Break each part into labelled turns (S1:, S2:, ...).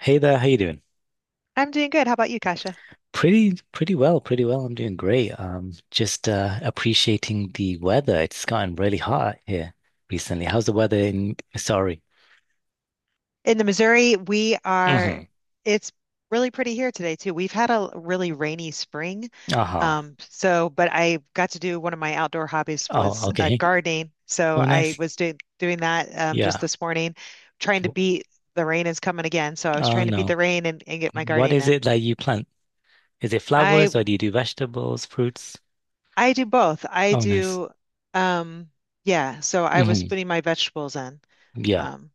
S1: Hey there, how you doing?
S2: I'm doing good. How about you, Kasia?
S1: Pretty well. I'm doing great. Just Appreciating the weather. It's gotten really hot here recently. How's the weather in? Sorry.
S2: In the Missouri, we are,
S1: hmm
S2: it's really pretty here today too. We've had a really rainy spring.
S1: Uh-huh.
S2: But I got to do one of my outdoor hobbies
S1: Oh,
S2: was
S1: okay.
S2: gardening. So
S1: Oh,
S2: I
S1: nice.
S2: was do doing that just
S1: Yeah.
S2: this morning, trying to
S1: W-
S2: beat the rain is coming again. So I was
S1: Oh
S2: trying to beat the
S1: no.
S2: rain and get my
S1: What
S2: gardening
S1: is
S2: in.
S1: it that you plant? Is it
S2: I
S1: flowers or do you do vegetables, fruits?
S2: I do both.
S1: Oh, nice.
S2: Um, yeah. So I was
S1: Hmm.
S2: putting my vegetables in.
S1: Yeah.
S2: Um,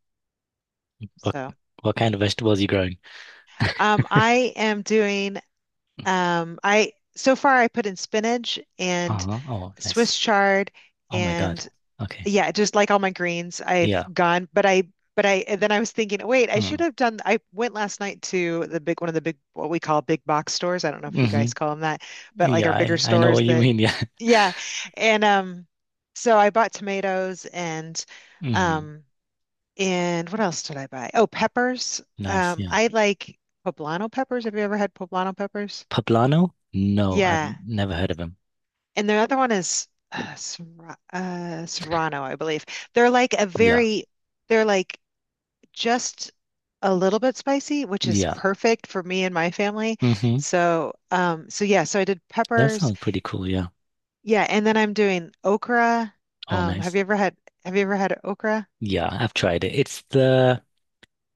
S1: What
S2: so.
S1: what kind of vegetables are you growing?
S2: I am doing I so far I put in spinach and
S1: Uh-huh. Oh, nice.
S2: Swiss chard
S1: Oh my God.
S2: and
S1: Okay.
S2: yeah, just like all my greens, I've
S1: Yeah.
S2: gone, but I and then I was thinking, oh, wait, I should
S1: Mm.
S2: have done I went last night to the big one of the big what we call big box stores. I don't know if you
S1: hmm
S2: guys call them that, but like
S1: Yeah,
S2: our bigger
S1: I know
S2: stores
S1: what you
S2: that
S1: mean. Yeah.
S2: yeah. And so I bought tomatoes
S1: Hmm.
S2: um and what else did I buy? Oh, peppers.
S1: Nice. Yeah.
S2: I like poblano peppers. Have you ever had poblano peppers?
S1: Poblano? No, I've
S2: Yeah.
S1: never heard of him.
S2: And the other one is Serrano, I believe. They're like a
S1: Yeah.
S2: very, they're like just a little bit spicy, which
S1: Really?
S2: is
S1: Yeah.
S2: perfect for me and my family.
S1: Hmm.
S2: Yeah, so I did
S1: That
S2: peppers.
S1: sounds pretty cool. Yeah.
S2: Yeah, and then I'm doing okra.
S1: Oh,
S2: Um, have
S1: nice.
S2: you ever had, have you ever had okra?
S1: Yeah, I've tried it.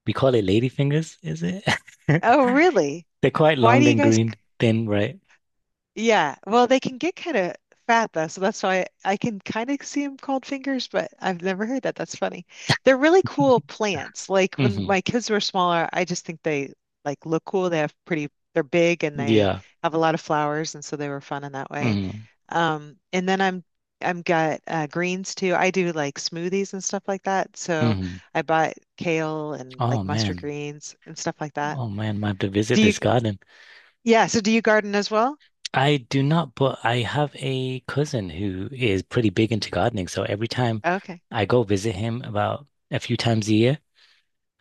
S1: We call it ladyfingers, is it?
S2: Oh, really?
S1: They're quite
S2: Why do
S1: long
S2: you
S1: and
S2: guys?
S1: green, thin, right?
S2: Yeah, well, they can get kind of fat though, so that's why I can kind of see them called fingers, but I've never heard that. That's funny. They're really cool plants. Like when
S1: Hmm.
S2: my kids were smaller, I just think they like look cool. They're big and they
S1: Yeah.
S2: have a lot of flowers, and so they were fun in that way.
S1: Hmm.
S2: And then I'm got greens too. I do like smoothies and stuff like that. So
S1: Hmm.
S2: I bought kale and
S1: Oh,
S2: like mustard
S1: man.
S2: greens and stuff like that.
S1: Oh, man. I have to visit
S2: Do you?
S1: this garden.
S2: Yeah. So do you garden as well?
S1: I do not, but I have a cousin who is pretty big into gardening. So every time
S2: Okay.
S1: I go visit him about a few times a year,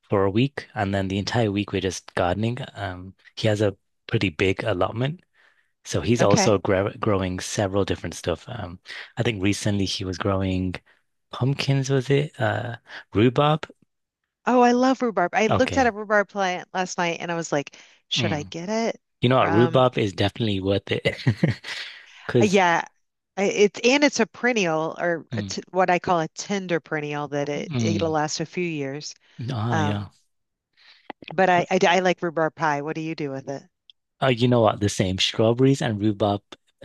S1: for a week, and then the entire week we're just gardening. He has a pretty big allotment, so he's also
S2: Okay.
S1: gra growing several different stuff. I think recently he was growing pumpkins, was it? Rhubarb.
S2: Oh, I love rhubarb. I looked at a
S1: Okay.
S2: rhubarb plant last night and I was like, should I
S1: Mm.
S2: get it?
S1: You know what?
S2: Um,
S1: Rhubarb is definitely worth it because.
S2: yeah, it's and it's a perennial or a
S1: Mm,
S2: t what I call a tender perennial that it'll
S1: mm,
S2: last a few years.
S1: yeah.
S2: Um, but I
S1: But,
S2: I I like rhubarb pie. What do you do with it?
S1: You know what? The same strawberries and rhubarb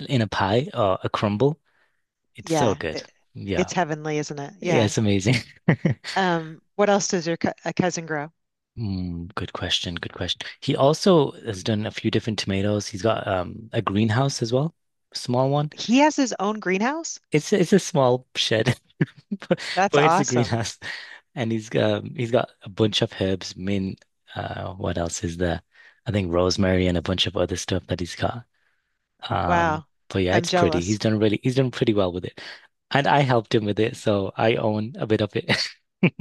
S1: in a pie or a crumble. It's so
S2: Yeah,
S1: good.
S2: it,
S1: Yeah.
S2: it's heavenly, isn't it?
S1: Yeah,
S2: Yeah.
S1: it's amazing.
S2: What else does your co a cousin grow?
S1: Mm, good question. Good question. He also has done a few different tomatoes. He's got a greenhouse as well, small one.
S2: He has his own greenhouse.
S1: It's a small shed, but,
S2: That's
S1: but it's a
S2: awesome.
S1: greenhouse, and he's got a bunch of herbs. Mint. What else is there? I think rosemary and a bunch of other stuff that he's got. Um,
S2: Wow,
S1: but yeah,
S2: I'm
S1: it's pretty.
S2: jealous.
S1: He's done pretty well with it, and I helped him with it, so I own a bit of it.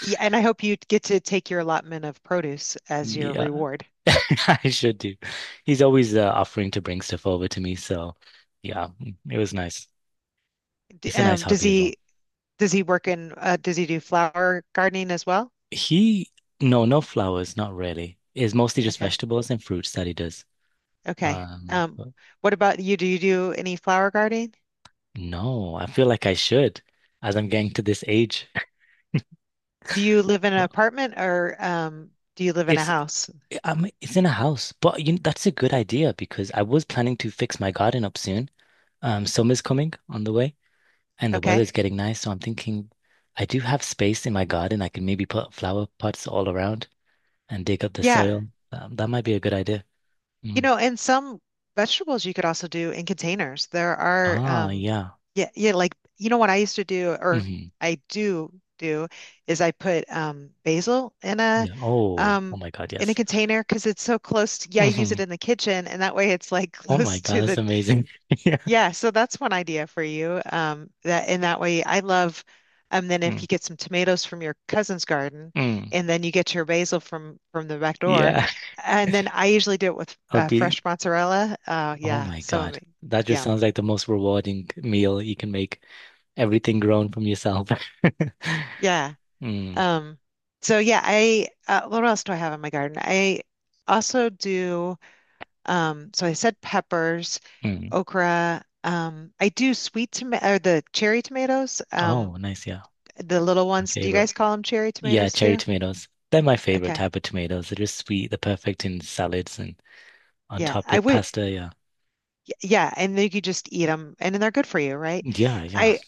S2: Yeah, and I hope you get to take your allotment of produce as your
S1: Yeah,
S2: reward.
S1: I should do. He's always offering to bring stuff over to me, so yeah, it was nice. It's a nice
S2: Um, does
S1: hobby as well.
S2: he does he work in does he do flower gardening as well?
S1: He, no, no flowers, not really. It's mostly just
S2: Okay.
S1: vegetables and fruits that he does.
S2: Okay.
S1: But
S2: What about you? Do you do any flower gardening?
S1: No, I feel like I should, as I'm getting to this age.
S2: Do you live in an
S1: Well,
S2: apartment or do you live in a
S1: It's
S2: house?
S1: it's in a house, but you know, that's a good idea because I was planning to fix my garden up soon. Summer's coming on the way. And the
S2: Okay.
S1: weather's getting nice. So I'm thinking I do have space in my garden. I can maybe put flower pots all around and dig up the
S2: Yeah.
S1: soil. That might be a good idea.
S2: You
S1: Mm.
S2: know, and some vegetables you could also do in containers.
S1: Ah, yeah.
S2: Yeah, yeah, like you know what I used to do, or
S1: Hmm.
S2: I do do, is I put basil
S1: Yeah. Oh, oh
S2: um,
S1: my God,
S2: in a
S1: yes.
S2: container because it's so close to, yeah, I use
S1: Hmm.
S2: it in the kitchen, and that way it's like
S1: Oh my
S2: close
S1: God,
S2: to
S1: that's
S2: the
S1: amazing. Yeah.
S2: yeah, so that's one idea for you. That in that way, I love. And then if
S1: Mm.
S2: you get some tomatoes from your cousin's garden,
S1: Mm.
S2: and then you get your basil from the back door,
S1: Yeah.
S2: and then I usually do it with
S1: I'll be,
S2: fresh mozzarella.
S1: oh my God. That just
S2: Yeah,
S1: sounds like the most rewarding meal you can make. Everything grown from yourself.
S2: yeah.
S1: Mm.
S2: Um, yeah, I what else do I have in my garden? I also do. So I said peppers,
S1: Mm.
S2: okra. I do sweet tomato or the cherry tomatoes.
S1: Oh, nice. Yeah.
S2: The little
S1: My
S2: ones, do you
S1: favorite.
S2: guys call them cherry
S1: Yeah,
S2: tomatoes
S1: cherry
S2: too?
S1: tomatoes. They're my favorite
S2: Okay.
S1: type of tomatoes. They're just sweet, they're perfect in salads and on
S2: Yeah,
S1: top
S2: I
S1: with
S2: would.
S1: pasta. Yeah.
S2: Yeah, and then you could just eat them, and then they're good for you, right?
S1: Yeah, yeah.
S2: I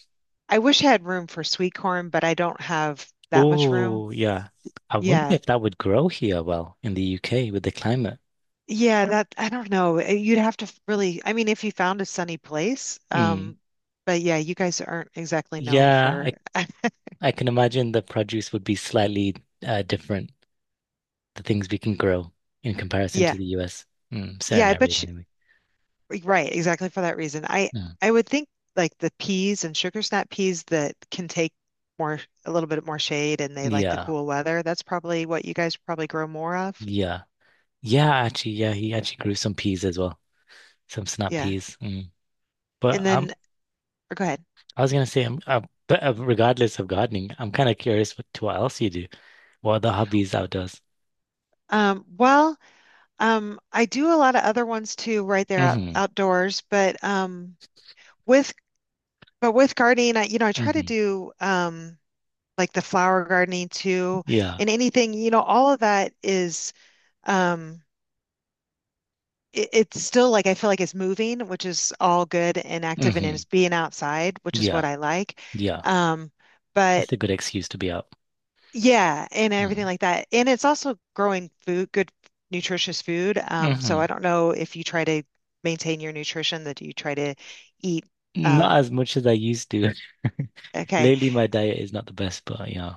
S2: I wish I had room for sweet corn, but I don't have that much room.
S1: Oh, yeah. I wonder
S2: Yeah,
S1: if that would grow here well in the UK with the climate.
S2: yeah. That I don't know. You'd have to really. I mean, if you found a sunny place,
S1: Mm.
S2: but yeah, you guys aren't exactly known
S1: Yeah, I
S2: for.
S1: I can imagine the produce would be slightly different, the things we can grow in comparison
S2: Yeah,
S1: to the US. Mm,
S2: yeah.
S1: certain
S2: I
S1: areas
S2: bet
S1: anyway.
S2: Right, right, exactly for that reason.
S1: Mm.
S2: I would think like the peas and sugar snap peas that can take more a little bit more shade and they like the
S1: Yeah,
S2: cool weather. That's probably what you guys probably grow more of.
S1: yeah. Yeah, actually, yeah, he actually grew some peas as well, some snap
S2: Yeah.
S1: peas. Mm. But
S2: And then or go ahead.
S1: I was gonna say, I'm, but regardless of gardening, I'm kind of curious what else you do, what other hobbies outdoors.
S2: Um, well, I do a lot of other ones too, right there
S1: Hmm.
S2: outdoors, but with but with gardening, I you know, I try to
S1: Hmm.
S2: do like the flower gardening too
S1: Yeah.
S2: and anything, you know, all of that is um it's still like I feel like it's moving, which is all good and active and
S1: Hmm.
S2: it's being outside, which is
S1: Yeah.
S2: what I like.
S1: Yeah.
S2: Um,
S1: It's
S2: but
S1: a good excuse to be out.
S2: yeah, and everything
S1: Hmm.
S2: like that. And it's also growing food, good nutritious food. So
S1: Hmm.
S2: I don't know if you try to maintain your nutrition that you try to eat
S1: Not
S2: um.
S1: as much as I used to.
S2: Okay.
S1: Lately, my diet is not the best, but yeah.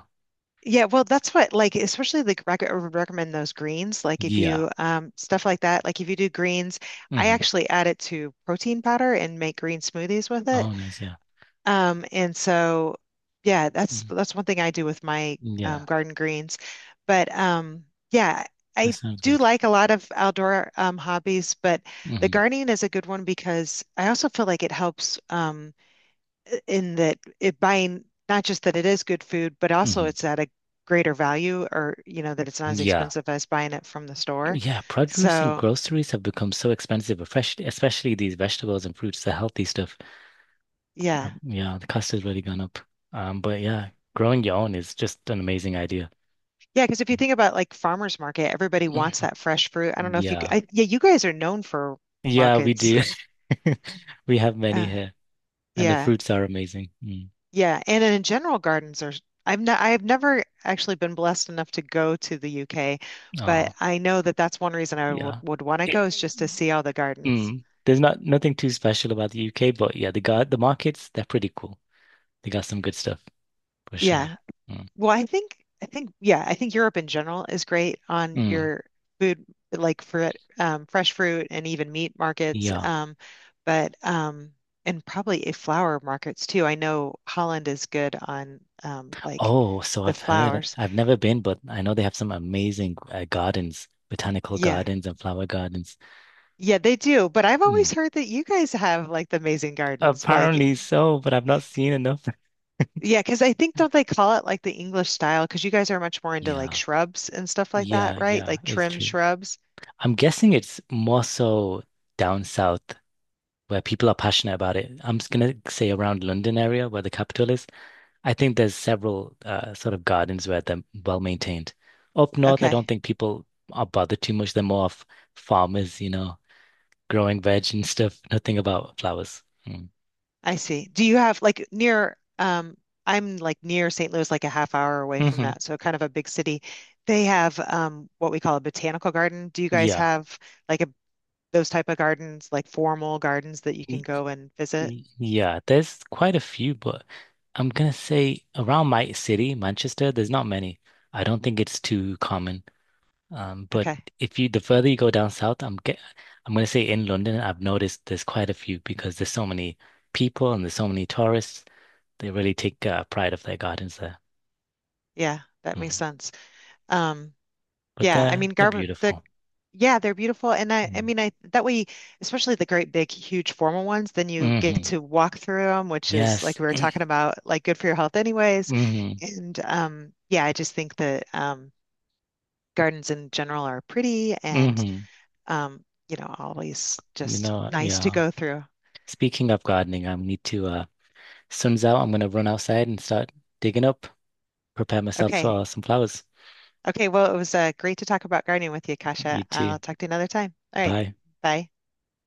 S2: Yeah, well, that's what like especially like rec I would recommend those greens. Like if
S1: Yeah.
S2: you stuff like that, like if you do greens, I
S1: Hmm.
S2: actually add it to protein powder and make green smoothies with
S1: Oh,
S2: it.
S1: nice. Yeah.
S2: Um, and so, yeah, that's
S1: Mhm.
S2: that's one thing I do with my
S1: Yeah.
S2: garden greens. But yeah,
S1: That
S2: I
S1: sounds
S2: do
S1: good.
S2: like a lot of outdoor hobbies, but the
S1: Hmm.
S2: gardening is a good one because I also feel like it helps in that it buying not just that it is good food, but also
S1: Hmm.
S2: it's at a greater value, or you know that it's not as
S1: Yeah.
S2: expensive as buying it from the store.
S1: Yeah, produce and
S2: So
S1: groceries have become so expensive, especially these vegetables and fruits, the healthy stuff.
S2: yeah.
S1: Yeah, the cost has really gone up. But Yeah, growing your own is just an amazing idea.
S2: Yeah, because if you think about like farmers market, everybody wants that fresh fruit. I don't know if
S1: Yeah.
S2: yeah, you guys are known for
S1: Yeah, we
S2: markets.
S1: do. We have many
S2: Uh,
S1: here, and the
S2: yeah,
S1: fruits are amazing. Mm.
S2: yeah, and in general, gardens are. I've never actually been blessed enough to go to the UK, but
S1: Oh,
S2: I know that that's one reason I
S1: yeah.
S2: would want to
S1: It,
S2: go is just to see all the gardens.
S1: there's nothing too special about the UK, but yeah, the markets, they're pretty cool. They got some good stuff for sure.
S2: Yeah.
S1: Mm.
S2: I think yeah, I think Europe in general is great on
S1: Mm,
S2: your food, like for fresh fruit and even meat markets.
S1: yeah.
S2: But and probably a flower markets too. I know Holland is good on like
S1: Oh, so
S2: the
S1: I've heard.
S2: flowers.
S1: I've never been, but I know they have some amazing gardens, botanical
S2: Yeah,
S1: gardens and flower gardens.
S2: yeah, they do. But I've always
S1: Mm.
S2: heard that you guys have like the amazing gardens. Like,
S1: Apparently so, but I've not seen enough.
S2: yeah, because I think don't they call it like the English style? Because you guys are much more into like
S1: Yeah,
S2: shrubs and stuff like that,
S1: yeah,
S2: right?
S1: yeah,
S2: Like
S1: it's
S2: trim
S1: true.
S2: shrubs.
S1: I'm guessing it's more so down south where people are passionate about it. I'm just gonna say around London area where the capital is. I think there's several sort of gardens where they're well maintained. Up north, I don't
S2: Okay.
S1: think people are bothered too much. They're more of farmers, you know, growing veg and stuff. Nothing about flowers. Mm.
S2: I see. Do you have like near I'm like near St. Louis, like a half hour away from
S1: Hmm.
S2: that, so kind of a big city. They have what we call a botanical garden. Do you guys
S1: Yeah.
S2: have like a those type of gardens, like formal gardens that you can go and visit?
S1: Yeah, there's quite a few, but I'm gonna say around my city, Manchester, there's not many. I don't think it's too common. But
S2: Okay.
S1: If you the further you go down south, I'm gonna say in London, I've noticed there's quite a few because there's so many people and there's so many tourists. They really take pride of their gardens there.
S2: Yeah, that makes
S1: Mm.
S2: sense. Um
S1: But
S2: yeah, I
S1: they're
S2: mean
S1: they're
S2: garden the.
S1: beautiful.
S2: Yeah, they're beautiful. And I
S1: Mm.
S2: mean, I that way, especially the great big, huge formal ones, then you get
S1: Hmm.
S2: to walk through them, which is
S1: Yes.
S2: like we were talking about, like good for your health anyways.
S1: Hmm.
S2: And yeah, I just think that gardens in general are pretty and
S1: Hmm.
S2: you know, always
S1: You
S2: just
S1: know,
S2: nice to
S1: yeah.
S2: go through.
S1: Speaking of gardening, I need to Sun's out, I'm gonna run outside and start digging up, prepare myself
S2: Okay.
S1: for some flowers.
S2: Okay. Well, it was great to talk about gardening with you, Kasha.
S1: You too.
S2: I'll talk to you another time. All right.
S1: Bye.
S2: Bye.